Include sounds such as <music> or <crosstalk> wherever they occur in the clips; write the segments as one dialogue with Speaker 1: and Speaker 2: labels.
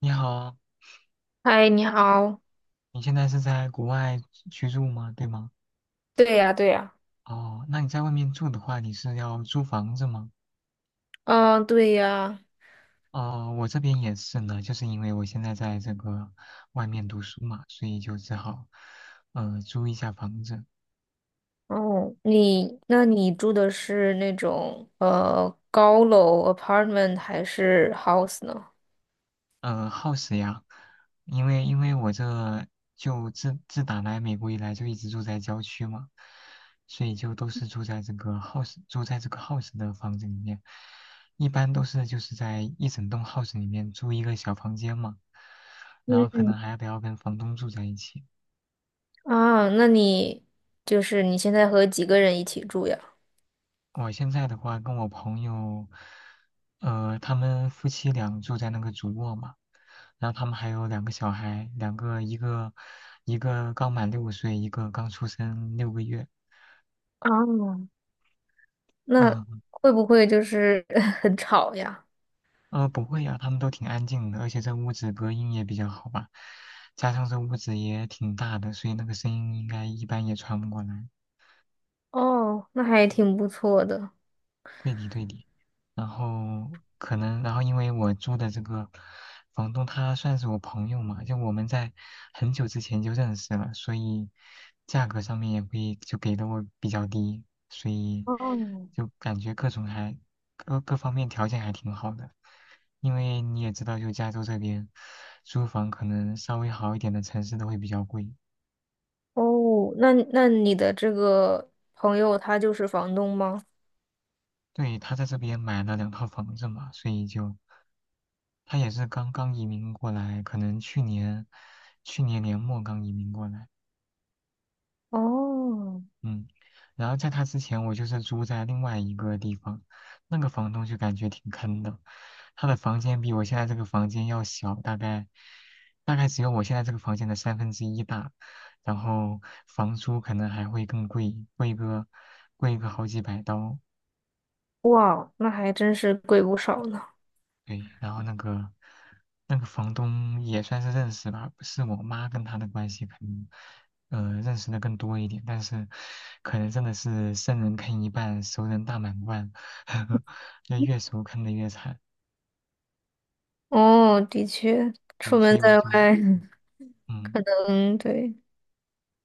Speaker 1: 你好，
Speaker 2: 嗨，你好。
Speaker 1: 你现在是在国外居住吗？对吗？
Speaker 2: 对呀，对呀，
Speaker 1: 哦，那你在外面住的话，你是要租房子吗？
Speaker 2: 嗯，对呀，
Speaker 1: 哦，我这边也是呢，就是因为我现在在这个外面读书嘛，所以就只好租一下房子。
Speaker 2: 哦，那你住的是那种高楼 apartment 还是 house 呢？
Speaker 1: house 呀，因为我这就打来美国以来就一直住在郊区嘛，所以就都是住在这个 house 的房子里面，一般都是就是在一整栋 house 里面租一个小房间嘛，然后可能
Speaker 2: 嗯，
Speaker 1: 还得要跟房东住在一起。
Speaker 2: 啊，那你就是你现在和几个人一起住呀？
Speaker 1: 我现在的话，跟我朋友，他们夫妻俩住在那个主卧嘛，然后他们还有两个小孩，两个一个刚满6岁，一个刚出生6个月。
Speaker 2: 啊，那
Speaker 1: 嗯。
Speaker 2: 会不会就是 <laughs> 很吵呀？
Speaker 1: 不会呀、他们都挺安静的，而且这屋子隔音也比较好吧，加上这屋子也挺大的，所以那个声音应该一般也传不过来。
Speaker 2: 哦，那还挺不错的。
Speaker 1: 对的对的。然后可能，然后因为我租的这个房东他算是我朋友嘛，就我们在很久之前就认识了，所以价格上面也会就给的我比较低，所以
Speaker 2: 哦，
Speaker 1: 就感觉各方面条件还挺好的。因为你也知道，就加州这边租房可能稍微好一点的城市都会比较贵。
Speaker 2: 哦，那你的这个朋友他就是房东吗？
Speaker 1: 对，他在这边买了两套房子嘛，所以就。他也是刚刚移民过来，可能去年年末刚移民过来，
Speaker 2: 哦，
Speaker 1: 嗯，然后在他之前，我就是住在另外一个地方，那个房东就感觉挺坑的，他的房间比我现在这个房间要小，大概只有我现在这个房间的三分之一大，然后房租可能还会更贵，贵个好几百刀，
Speaker 2: 哇，那还真是贵不少呢。
Speaker 1: 对，然后那个房东也算是认识吧，是我妈跟他的关系可能，认识的更多一点，但是可能真的是生人坑一半，熟人大满贯，<laughs> 呵那越熟坑的越惨。
Speaker 2: 哦，的确，
Speaker 1: 对，
Speaker 2: 出
Speaker 1: 所
Speaker 2: 门
Speaker 1: 以我
Speaker 2: 在外，
Speaker 1: 就，嗯，
Speaker 2: 嗯，对，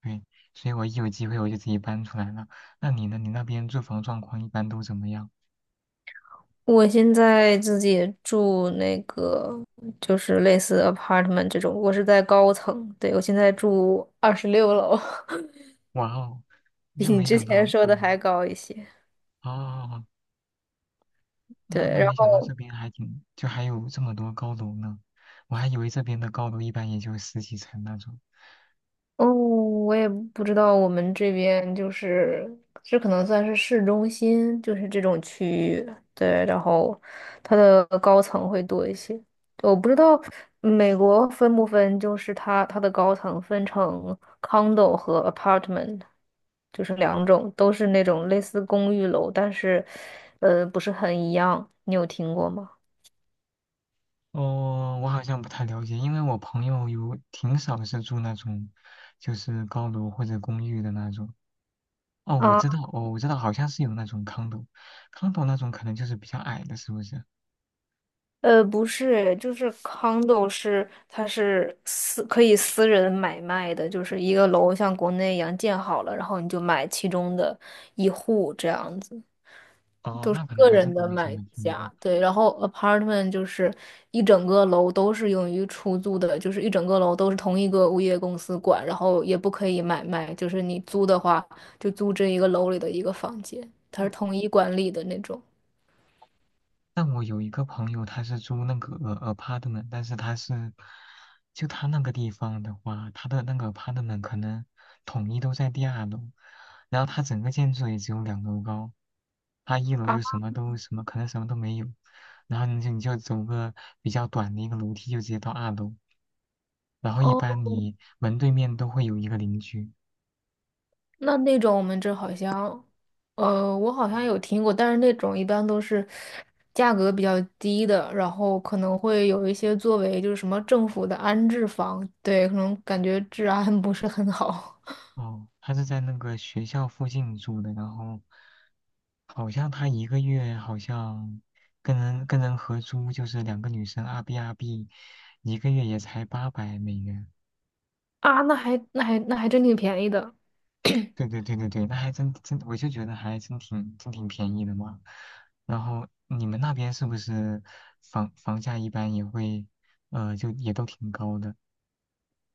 Speaker 1: 对，所以我一有机会我就自己搬出来了。那你呢？你那边住房状况一般都怎么样？
Speaker 2: 我现在自己住那个就是类似 apartment 这种，我是在高层，对，我现在住26楼，
Speaker 1: 哇哦，
Speaker 2: <laughs>
Speaker 1: 就
Speaker 2: 比你
Speaker 1: 没
Speaker 2: 之
Speaker 1: 想
Speaker 2: 前
Speaker 1: 到，
Speaker 2: 说的
Speaker 1: 嗯，
Speaker 2: 还高一些。
Speaker 1: 哦，哦哦，那
Speaker 2: 对，
Speaker 1: 那
Speaker 2: 然
Speaker 1: 没想到这
Speaker 2: 后。
Speaker 1: 边还挺，就还有这么多高楼呢。我还以为这边的高楼一般也就十几层那种。
Speaker 2: 哦，我也不知道，我们这边就是这可能算是市中心，就是这种区域，对，然后它的高层会多一些。我不知道美国分不分，就是它的高层分成 condo 和 apartment，就是两种，都是那种类似公寓楼，但是不是很一样。你有听过吗？
Speaker 1: 哦，我好像不太了解，因为我朋友有挺少是住那种，就是高楼或者公寓的那种。哦，我
Speaker 2: 啊。
Speaker 1: 知道，哦，我知道，好像是有那种 condo 那种可能就是比较矮的，是不是？
Speaker 2: 不是，就是 condo 是它是可以私人买卖的，就是一个楼像国内一样建好了，然后你就买其中的一户这样子，
Speaker 1: 哦，那可能
Speaker 2: 个
Speaker 1: 还
Speaker 2: 人
Speaker 1: 真的
Speaker 2: 的
Speaker 1: 没怎
Speaker 2: 买
Speaker 1: 么听
Speaker 2: 家。
Speaker 1: 过。
Speaker 2: 对，然后 apartment 就是一整个楼都是用于出租的，就是一整个楼都是同一个物业公司管，然后也不可以买卖，就是你租的话就租这一个楼里的一个房间，它是统一管理的那种。
Speaker 1: 但我有一个朋友，他是租那个 apartment，但是他是，就他那个地方的话，他的那个 apartment 可能统一都在第二楼，然后他整个建筑也只有2楼高，他一楼
Speaker 2: 啊，
Speaker 1: 就什么都什么，可能什么都没有，然后你就走个比较短的一个楼梯就直接到二楼，然后一
Speaker 2: 哦，
Speaker 1: 般你门对面都会有一个邻居，
Speaker 2: 那种我们这好像，我好像有听过，但是那种一般都是价格比较低的，然后可能会有一些作为就是什么政府的安置房，对，可能感觉治安不是很好 <laughs>
Speaker 1: 哦，他是在那个学校附近住的，然后好像他一个月好像跟人合租，就是两个女生阿 B，一个月也才800美元。
Speaker 2: 啊。那还真挺便宜的，
Speaker 1: 对对对对对，那还真，我就觉得还真挺便宜的嘛。然后你们那边是不是房价一般也会就也都挺高的，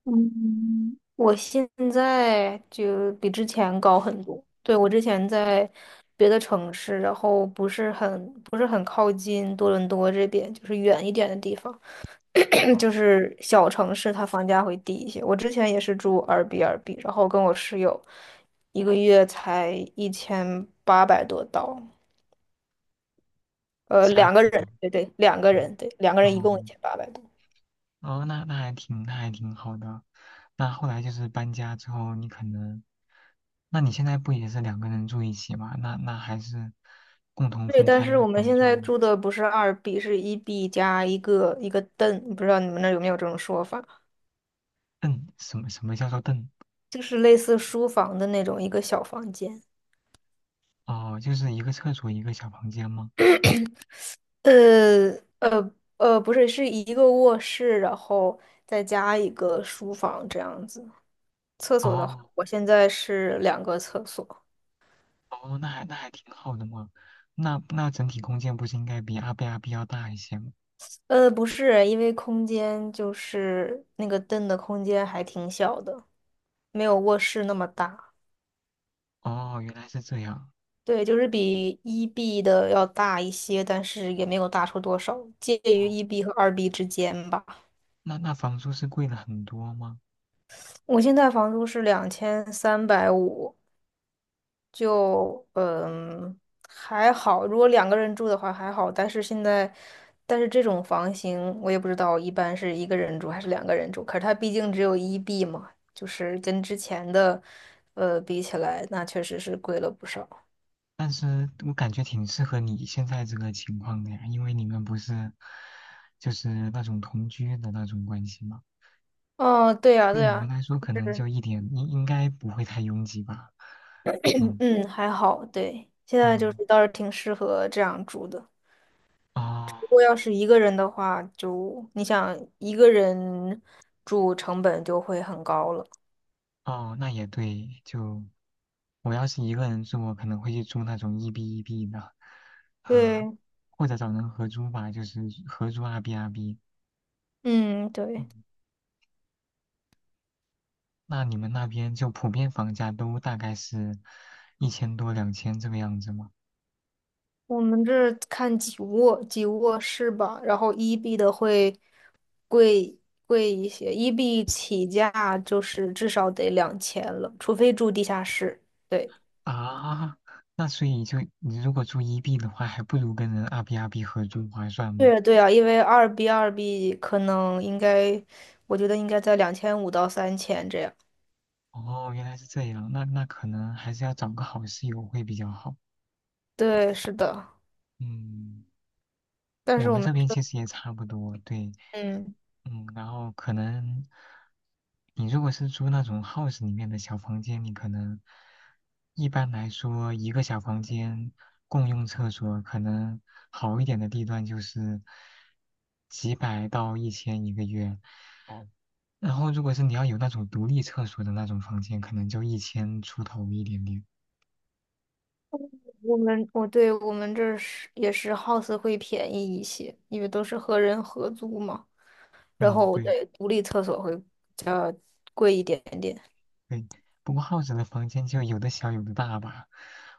Speaker 2: 嗯，我现在就比之前高很多。对，我之前在别的城市，然后不是很靠近多伦多这边，就是远一点的地方。<clears throat> 就是小城市它房价会低一些。我之前也是住二 b 二 b 然后跟我室友一个月才一千八百多刀，
Speaker 1: 加
Speaker 2: 两个
Speaker 1: 币
Speaker 2: 人，
Speaker 1: 吗？
Speaker 2: 对对，两个
Speaker 1: 嗯，
Speaker 2: 人，对，两个人一
Speaker 1: 哦
Speaker 2: 共一千八百多。
Speaker 1: 哦，那还挺好的。那后来就是搬家之后，你可能，那你现在不也是两个人住一起吗？那还是共同
Speaker 2: 对，
Speaker 1: 分
Speaker 2: 但是
Speaker 1: 摊
Speaker 2: 我们
Speaker 1: 房
Speaker 2: 现
Speaker 1: 租。
Speaker 2: 在住的不是二 B，是一 B 加一个凳，不知道你们那儿有没有这种说法，
Speaker 1: 嗯，什么叫做凳？
Speaker 2: 就是类似书房的那种一个小房间。
Speaker 1: 哦，就是一个厕所一个小房间吗？
Speaker 2: 呃呃不是，是一个卧室，然后再加一个书房这样子。厕所的话，
Speaker 1: 哦
Speaker 2: 我现在是两个厕所。
Speaker 1: 哦，那还挺好的嘛。那整体空间不是应该比阿 B 要大一些吗？
Speaker 2: 不是，因为空间就是那个凳的空间还挺小的，没有卧室那么大。
Speaker 1: 哦，原来是这样。
Speaker 2: 对，就是比一 B 的要大一些，但是也没有大出多少，介
Speaker 1: 哦，
Speaker 2: 于一 B 和二 B 之间吧。
Speaker 1: 那房租是贵了很多吗？
Speaker 2: 我现在房租是2350，就还好，如果两个人住的话还好，但是这种房型我也不知道一般是一个人住还是两个人住，可是它毕竟只有一 B 嘛，就是跟之前的比起来，那确实是贵了不少。
Speaker 1: 但是我感觉挺适合你现在这个情况的呀，因为你们不是就是那种同居的那种关系嘛，
Speaker 2: 哦，对呀，
Speaker 1: 对
Speaker 2: 对
Speaker 1: 你们
Speaker 2: 呀，
Speaker 1: 来说可能
Speaker 2: 是，
Speaker 1: 就一点应该不会太拥挤吧。嗯
Speaker 2: 嗯，还好，对，现在就
Speaker 1: 嗯，
Speaker 2: 是倒是挺适合这样住的。
Speaker 1: 哦
Speaker 2: 如果要是一个人的话，就你想一个人住成本就会很高了。
Speaker 1: 哦，那也对，就我要是一个人住，我可能会去住那种一 B 的，啊、
Speaker 2: 对，
Speaker 1: 或者找人合租吧，就是合租二 B。
Speaker 2: 嗯，对。
Speaker 1: 嗯，那你们那边就普遍房价都大概是1000多、两千这个样子吗？
Speaker 2: 我们这看几卧室吧，然后一 B 的会贵贵一些，一 B 起价就是至少得2000了，除非住地下室。对，
Speaker 1: 啊，那所以就你如果住 EB 的话，还不如跟人二 B 合租划算吗？
Speaker 2: 对对啊，因为二 B 二 B 可能应该，我觉得应该在2500到3000这样。
Speaker 1: 哦，原来是这样，那可能还是要找个好室友会比较好。
Speaker 2: 对，是的，
Speaker 1: 嗯，
Speaker 2: 但
Speaker 1: 我
Speaker 2: 是我
Speaker 1: 们
Speaker 2: 们
Speaker 1: 这边
Speaker 2: 这，
Speaker 1: 其实也差不多，对，
Speaker 2: 嗯。
Speaker 1: 嗯，然后可能你如果是租那种 house 里面的小房间，你可能一般来说一个小房间共用厕所，可能好一点的地段就是几百到一千一个月。然后如果是你要有那种独立厕所的那种房间，可能就一千出头一点点。
Speaker 2: 我们我对，我们这儿是也是 house 会便宜一些，因为都是和人合租嘛，然
Speaker 1: 嗯，
Speaker 2: 后
Speaker 1: 对。
Speaker 2: 对独立厕所会比较贵一点点。
Speaker 1: 对，不过耗子的房间就有的小有的大吧。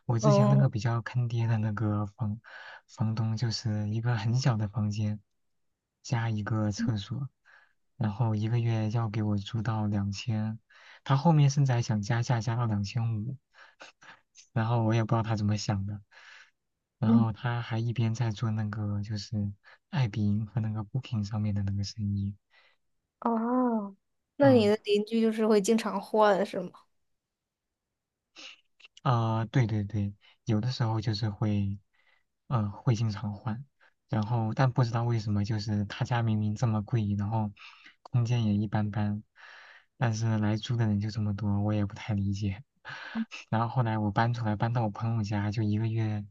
Speaker 1: 我之前那
Speaker 2: 嗯
Speaker 1: 个比较坑爹的那个房东，就是一个很小的房间加一个厕所，然后一个月要给我租到两千，他后面甚至还想加价加到2500。<laughs> 然后我也不知道他怎么想的。然
Speaker 2: 嗯
Speaker 1: 后他还一边在做那个就是爱彼迎和那个 Booking 上面的那个生意，
Speaker 2: 哦，那你
Speaker 1: 嗯。
Speaker 2: 的邻居就是会经常换是吗？
Speaker 1: 啊、对对对，有的时候就是会，会经常换，然后但不知道为什么，就是他家明明这么贵，然后空间也一般般，但是来租的人就这么多，我也不太理解。<laughs> 然后后来我搬出来，搬到我朋友家，就一个月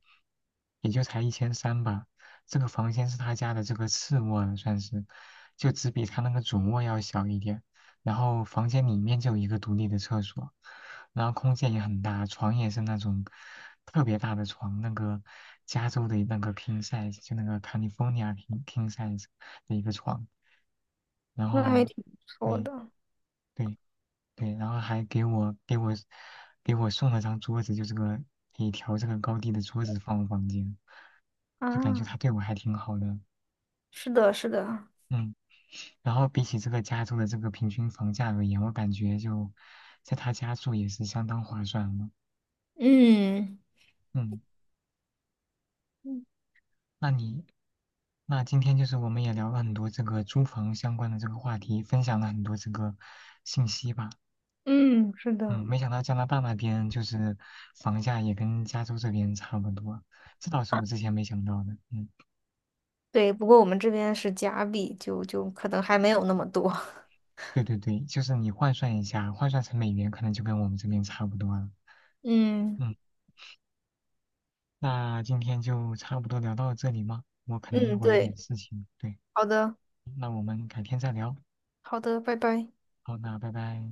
Speaker 1: 也就才1300吧。这个房间是他家的这个次卧了算是，就只比他那个主卧要小一点。然后房间里面就有一个独立的厕所。然后空间也很大，床也是那种特别大的床，那个加州的那个 king size，就那个 California king size 的一个床，然
Speaker 2: 那还
Speaker 1: 后
Speaker 2: 挺不错
Speaker 1: 对
Speaker 2: 的
Speaker 1: 对对，然后还给我送了张桌子，就这个可以调这个高低的桌子放我房间，就感觉
Speaker 2: 啊。
Speaker 1: 他对我还挺好的，
Speaker 2: 是的，是的，
Speaker 1: 嗯。然后比起这个加州的这个平均房价而言，我感觉就在他家住也是相当划算了。
Speaker 2: 嗯
Speaker 1: 嗯。
Speaker 2: 嗯，
Speaker 1: 那你，那今天就是我们也聊了很多这个租房相关的这个话题，分享了很多这个信息吧。
Speaker 2: 嗯，是
Speaker 1: 嗯，
Speaker 2: 的，
Speaker 1: 没想到加拿大那边就是房价也跟加州这边差不多，这倒是我之前没想到的。嗯，
Speaker 2: 对。不过我们这边是假币，就可能还没有那么多。<laughs>
Speaker 1: 对对对，就是你换算一下，换算成美元可能就跟我们这边差不多了。
Speaker 2: 嗯
Speaker 1: 嗯，那今天就差不多聊到这里吗？我可能一
Speaker 2: 嗯，
Speaker 1: 会儿有点
Speaker 2: 对，
Speaker 1: 事情，对，
Speaker 2: 好的，
Speaker 1: 那我们改天再聊。
Speaker 2: 好的，拜拜。
Speaker 1: 好，那拜拜。